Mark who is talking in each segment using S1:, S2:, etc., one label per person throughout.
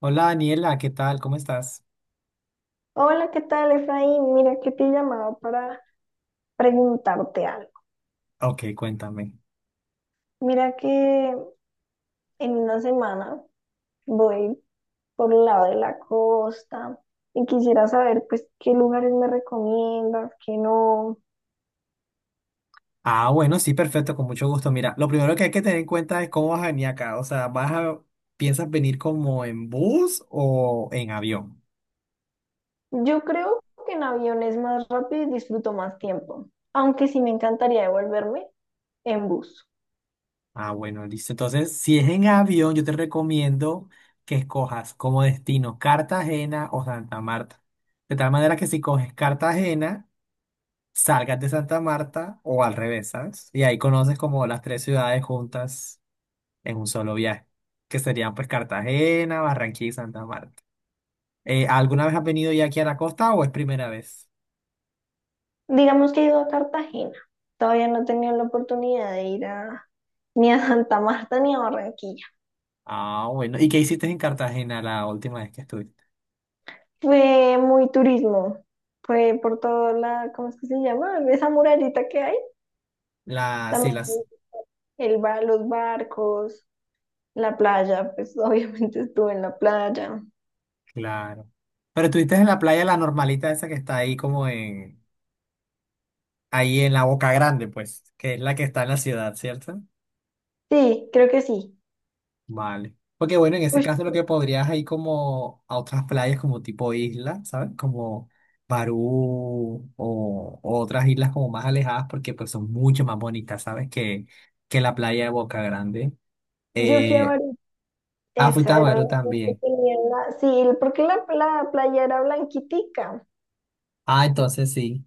S1: Hola Daniela, ¿qué tal? ¿Cómo estás?
S2: Hola, ¿qué tal, Efraín? Mira que te he llamado para preguntarte algo.
S1: Ok, cuéntame.
S2: Mira que en una semana voy por el lado de la costa y quisiera saber pues qué lugares me recomiendas, qué no.
S1: Ah, bueno, sí, perfecto, con mucho gusto. Mira, lo primero que hay que tener en cuenta es cómo vas a venir acá. O sea, ¿piensas venir como en bus o en avión?
S2: Yo creo que en avión es más rápido y disfruto más tiempo, aunque sí me encantaría devolverme en bus.
S1: Ah, bueno, listo. Entonces, si es en avión, yo te recomiendo que escojas como destino Cartagena o Santa Marta. De tal manera que si coges Cartagena, salgas de Santa Marta o al revés, ¿sabes? Y ahí conoces como las tres ciudades juntas en un solo viaje, que serían pues Cartagena, Barranquilla y Santa Marta. ¿Alguna vez has venido ya aquí a la costa o es primera vez?
S2: Digamos que he ido a Cartagena. Todavía no he tenido la oportunidad de ir ni a Santa Marta ni a Barranquilla.
S1: Ah, bueno. ¿Y qué hiciste en Cartagena la última vez que estuviste?
S2: Fue muy turismo. Fue por toda la, ¿cómo es que se llama? Esa murallita que hay.
S1: Las sí,
S2: También
S1: las,
S2: fue el bar, los barcos, la playa, pues obviamente estuve en la playa.
S1: claro. Pero estuviste en la playa, la normalita esa que está ahí ahí en la Boca Grande, pues, que es la que está en la ciudad, ¿cierto?
S2: Sí, creo que sí.
S1: Vale. Porque bueno, en ese
S2: Ush,
S1: caso lo que podrías ir como a otras playas como tipo isla, ¿sabes? Como Barú o otras islas como más alejadas porque pues son mucho más bonitas, ¿sabes? Que la playa de Boca Grande.
S2: yo fui a
S1: Eh,
S2: varias.
S1: ah, fuiste
S2: Esa
S1: a
S2: era la
S1: Barú también.
S2: Sí, porque la playa era blanquitica.
S1: Ah, entonces sí.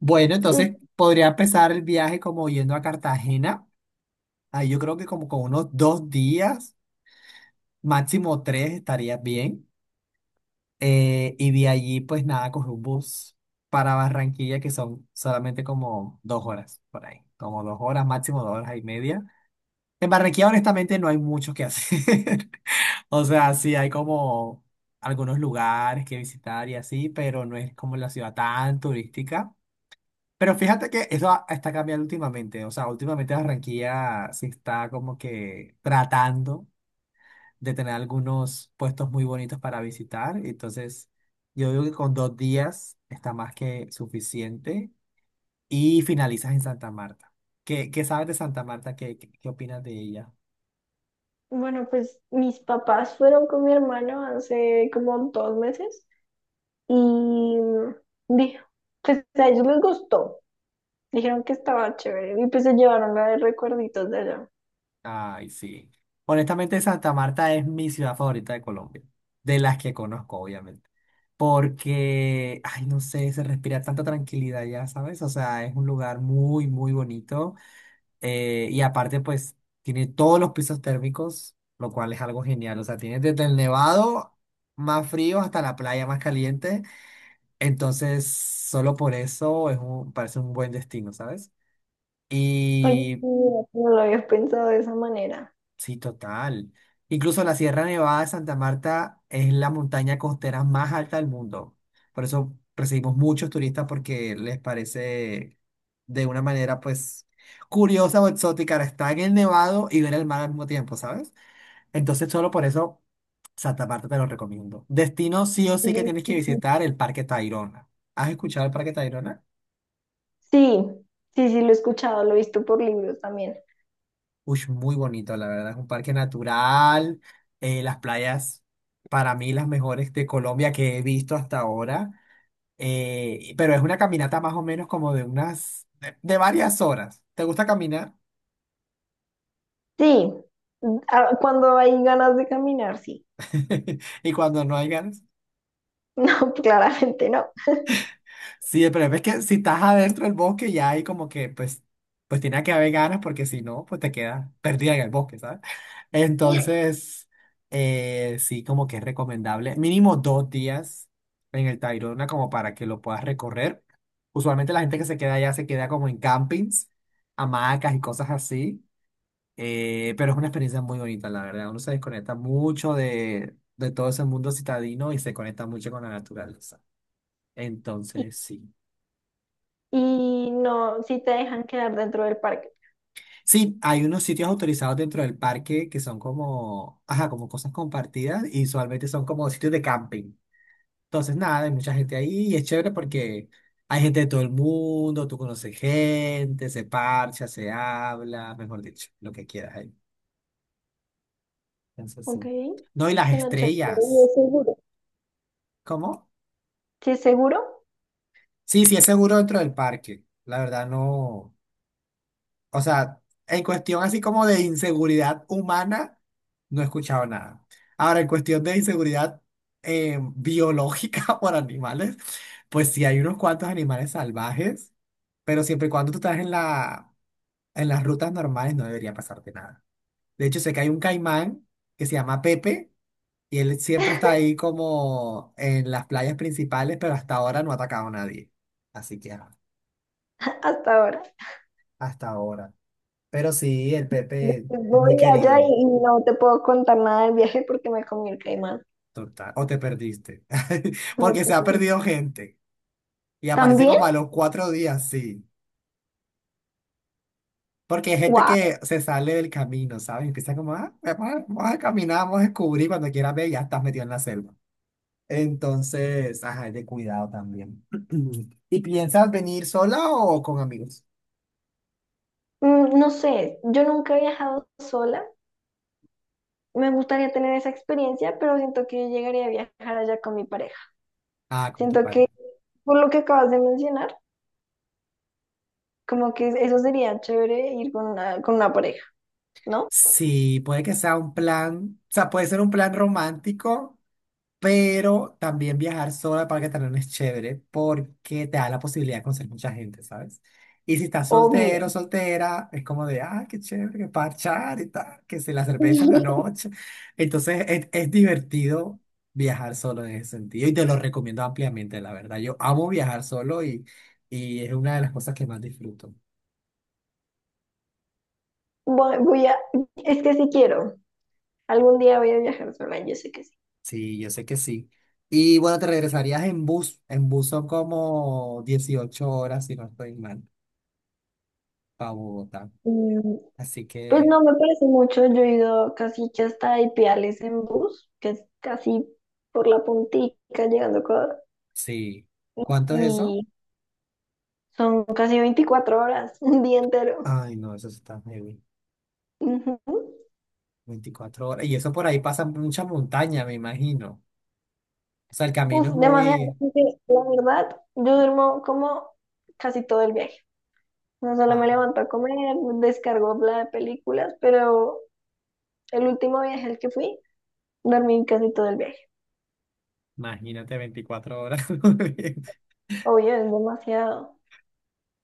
S1: Bueno,
S2: Sí,
S1: entonces podría empezar el viaje como yendo a Cartagena. Ahí yo creo que como con unos 2 días, máximo tres estaría bien. Y de allí, pues nada, cogí un bus para Barranquilla, que son solamente como 2 horas por ahí, como 2 horas, máximo 2 horas y media. En Barranquilla, honestamente, no hay mucho que hacer. O sea, sí hay como algunos lugares que visitar y así, pero no es como la ciudad tan turística. Pero fíjate que está cambiando últimamente. O sea, últimamente Barranquilla se está como que tratando de tener algunos puestos muy bonitos para visitar. Entonces, yo digo que con 2 días está más que suficiente y finalizas en Santa Marta. ¿Qué sabes de Santa Marta? ¿Qué opinas de ella?
S2: bueno, pues mis papás fueron con mi hermano hace como 2 meses y dijo, pues a ellos les gustó. Dijeron que estaba chévere y pues se llevaron la de recuerditos de allá.
S1: Ay, sí. Honestamente, Santa Marta es mi ciudad favorita de Colombia, de las que conozco, obviamente. Porque, ay, no sé, se respira tanta tranquilidad ya, ¿sabes? O sea, es un lugar muy, muy bonito. Y aparte, pues, tiene todos los pisos térmicos, lo cual es algo genial. O sea, tiene desde el nevado más frío hasta la playa más caliente. Entonces, solo por eso parece un buen destino, ¿sabes?
S2: Oye, sí,
S1: Y
S2: no lo había pensado de esa manera.
S1: sí, total. Incluso la Sierra Nevada de Santa Marta es la montaña costera más alta del mundo. Por eso recibimos muchos turistas porque les parece de una manera, pues, curiosa o exótica estar en el nevado y ver el mar al mismo tiempo, ¿sabes? Entonces, solo por eso, Santa Marta te lo recomiendo. Destino sí o sí que tienes que
S2: Ujú.
S1: visitar el Parque Tayrona. ¿Has escuchado el Parque Tayrona?
S2: Sí, sí, sí, lo he escuchado, lo he visto por libros también.
S1: Uy, muy bonito, la verdad. Es un parque natural. Las playas, para mí, las mejores de Colombia que he visto hasta ahora. Pero es una caminata más o menos como de unas, de varias horas. ¿Te gusta caminar?
S2: Sí, ah, cuando hay ganas de caminar, sí.
S1: Y cuando no hay ganas.
S2: No, claramente no.
S1: Sí, el problema es que si estás adentro del bosque ya hay como que, pues, pues tiene que haber ganas porque si no, pues te quedas perdida en el bosque, ¿sabes? Entonces, sí, como que es recomendable mínimo 2 días en el Tayrona como para que lo puedas recorrer. Usualmente la gente que se queda allá se queda como en campings, hamacas y cosas así, pero es una experiencia muy bonita, la verdad. Uno se desconecta mucho de todo ese mundo citadino y se conecta mucho con la naturaleza.
S2: Y,
S1: Entonces, sí.
S2: y no, sí te dejan quedar dentro del parque.
S1: Sí, hay unos sitios autorizados dentro del parque que son como, ajá, como cosas compartidas y usualmente son como sitios de camping. Entonces, nada, hay mucha gente ahí y es chévere porque hay gente de todo el mundo, tú conoces gente, se parcha, se habla, mejor dicho, lo que quieras ahí. Entonces,
S2: Ok,
S1: sí. No, y las
S2: suena chévere y
S1: estrellas.
S2: es seguro.
S1: ¿Cómo?
S2: ¿Sí es seguro?
S1: Sí, sí, es seguro dentro del parque. La verdad, no. O sea, en cuestión así como de inseguridad humana, no he escuchado nada. Ahora, en cuestión de inseguridad biológica por animales, pues sí hay unos cuantos animales salvajes, pero siempre y cuando tú estás en las rutas normales no debería pasarte nada. De hecho, sé que hay un caimán que se llama Pepe y él siempre está ahí como en las playas principales, pero hasta ahora no ha atacado a nadie. Así que ah,
S2: Hasta ahora.
S1: hasta ahora. Pero sí, el Pepe
S2: Después
S1: es
S2: voy
S1: muy
S2: allá
S1: querido.
S2: y no te puedo contar nada del viaje porque me comí el caimán.
S1: Total, o te perdiste.
S2: Me
S1: Porque se ha
S2: puse-
S1: perdido gente y aparece
S2: ¿También?
S1: como a los 4 días, sí. Porque hay gente
S2: ¡Wow!
S1: que se sale del camino, ¿sabes? Empieza como, ah, vamos a caminar, vamos a descubrir, cuando quieras ver, ya estás metido en la selva. Entonces, ajá, es de cuidado también. ¿Y piensas venir sola o con amigos?
S2: No sé, yo nunca he viajado sola. Me gustaría tener esa experiencia, pero siento que yo llegaría a viajar allá con mi pareja.
S1: Ah, con tu
S2: Siento que,
S1: pareja.
S2: por lo que acabas de mencionar, como que eso sería chévere ir con una pareja, ¿no?
S1: Sí, puede que sea un plan, o sea, puede ser un plan romántico. Pero también viajar sola al Parque Tayrona es chévere porque te da la posibilidad de conocer mucha gente, ¿sabes? Y si estás soltero,
S2: Obvio.
S1: soltera, es como de, ah, qué chévere, que parchar y tal, que se la cerveza en la noche. Entonces es divertido viajar solo en ese sentido y te lo recomiendo ampliamente, la verdad. Yo amo viajar solo y es una de las cosas que más disfruto.
S2: Voy, voy a, es que sí quiero. Algún día voy a viajar sola, yo sé que sí.
S1: Sí, yo sé que sí. Y bueno, te regresarías en bus. En bus son como 18 horas, si no estoy mal, para Bogotá.
S2: Mm,
S1: Así
S2: Pues
S1: que,
S2: no me parece mucho, yo he ido casi que hasta Ipiales en bus, que es casi por la puntica llegando a Ecuador,
S1: sí. ¿Cuánto es eso?
S2: y son casi 24 horas, un día entero.
S1: Ay, no, eso está heavy.
S2: Ujú.
S1: 24 horas. Y eso por ahí pasa mucha montaña, me imagino. O sea, el camino
S2: Uf,
S1: es muy...
S2: demasiado, porque la verdad, yo duermo como casi todo el viaje. No solo me
S1: Ah,
S2: levanto a comer, descargo la de películas, pero el último viaje al que fui, dormí casi todo el viaje.
S1: imagínate 24 horas.
S2: Obvio, es demasiado.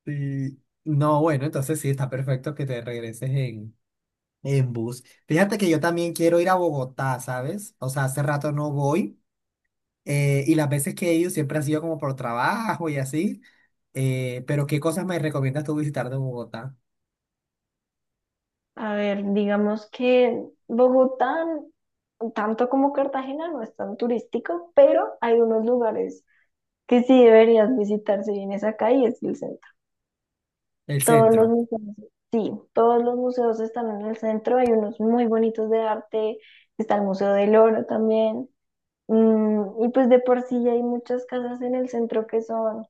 S1: Sí. No, bueno, entonces sí, está perfecto que te regreses en bus. Fíjate que yo también quiero ir a Bogotá, ¿sabes? O sea, hace rato no voy. Y las veces que he ido siempre ha sido como por trabajo y así. Pero ¿qué cosas me recomiendas tú visitar de Bogotá?
S2: A ver, digamos que Bogotá, tanto como Cartagena, no es tan turístico, pero hay unos lugares que sí deberías visitar si vienes acá y es el centro.
S1: El
S2: Todos los
S1: centro.
S2: museos, sí, todos los museos están en el centro, hay unos muy bonitos de arte, está el Museo del Oro también, y pues de por sí ya hay muchas casas en el centro que son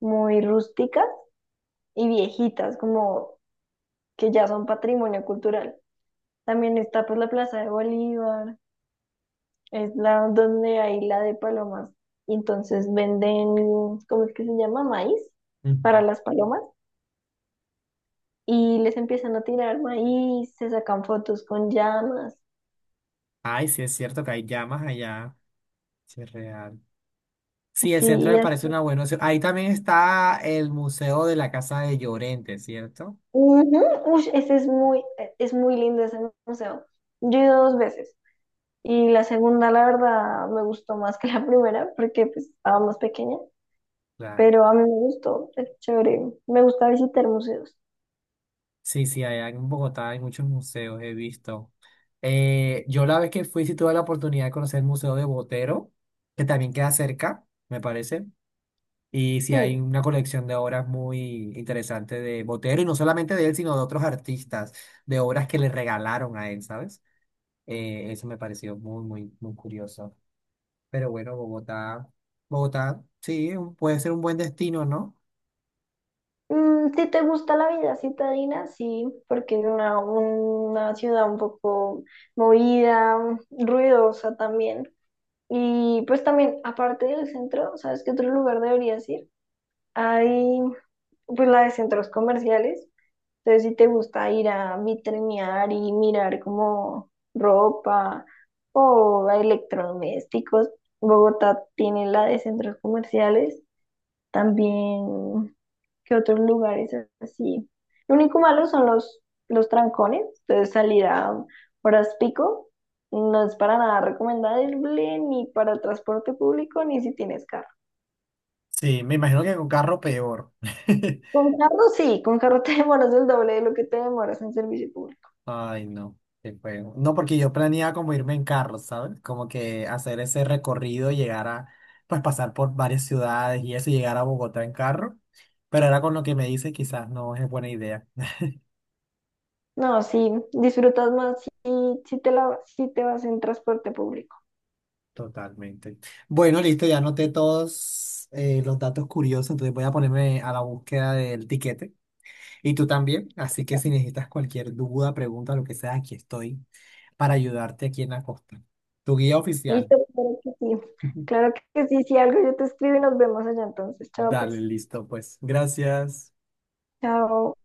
S2: muy rústicas y viejitas, como que ya son patrimonio cultural. También está pues la Plaza de Bolívar. Es la donde hay la de palomas. Y entonces venden, ¿cómo es que se llama? Maíz para
S1: Ujú.
S2: las palomas. Y les empiezan a tirar maíz, se sacan fotos con llamas.
S1: Ay, sí es cierto que hay llamas allá. Sí, es real. Sí, el
S2: Sí,
S1: centro
S2: y
S1: me
S2: es-
S1: parece una buena opción. Ahí también está el Museo de la Casa de Llorente, ¿cierto?
S2: Ujú, ush, ese es muy lindo ese museo. Yo he ido dos veces. Y la segunda, la verdad, me gustó más que la primera porque pues, estaba más pequeña.
S1: Claro.
S2: Pero a mí me gustó, es chévere. Me gusta visitar museos.
S1: Sí, sí, allá en Bogotá hay muchos museos, he visto. Yo la vez que fui sí tuve la oportunidad de conocer el Museo de Botero, que también queda cerca, me parece. Y sí hay
S2: Sí.
S1: una colección de obras muy interesante de Botero, y no solamente de él, sino de otros artistas, de obras que le regalaron a él, ¿sabes? Eso me pareció muy, muy, muy curioso. Pero bueno, Bogotá, sí, puede ser un buen destino, ¿no?
S2: Si te gusta la vida citadina, sí, porque es una ciudad un poco movida, ruidosa también. Y pues también, aparte del centro, ¿sabes qué otro lugar deberías ir? Hay pues la de centros comerciales. Entonces, si te gusta ir a vitrinear y mirar como ropa o electrodomésticos, Bogotá tiene la de centros comerciales. También, ¿qué otros lugares así? Lo único malo son los trancones, entonces salir a horas pico no es para nada recomendable ni para el transporte público ni si tienes carro.
S1: Sí, me imagino que con carro peor.
S2: Con carro sí, con carro te demoras el doble de lo que te demoras en servicio público.
S1: Ay, no, qué feo. No, porque yo planeaba como irme en carro, ¿sabes? Como que hacer ese recorrido, pues pasar por varias ciudades y eso, y llegar a Bogotá en carro. Pero ahora con lo que me dice, quizás no es buena idea.
S2: No, sí, disfrutas más si te vas en transporte público.
S1: Totalmente. Bueno, listo, ya anoté todos los datos curiosos, entonces voy a ponerme a la búsqueda del tiquete. Y tú también, así que si necesitas cualquier duda, pregunta, lo que sea, aquí estoy para ayudarte aquí en la costa. Tu guía oficial.
S2: Listo, claro que sí. Claro que sí, si algo yo te escribo y nos vemos allá entonces. Chao,
S1: Dale,
S2: pues.
S1: listo, pues. Gracias.
S2: Chao.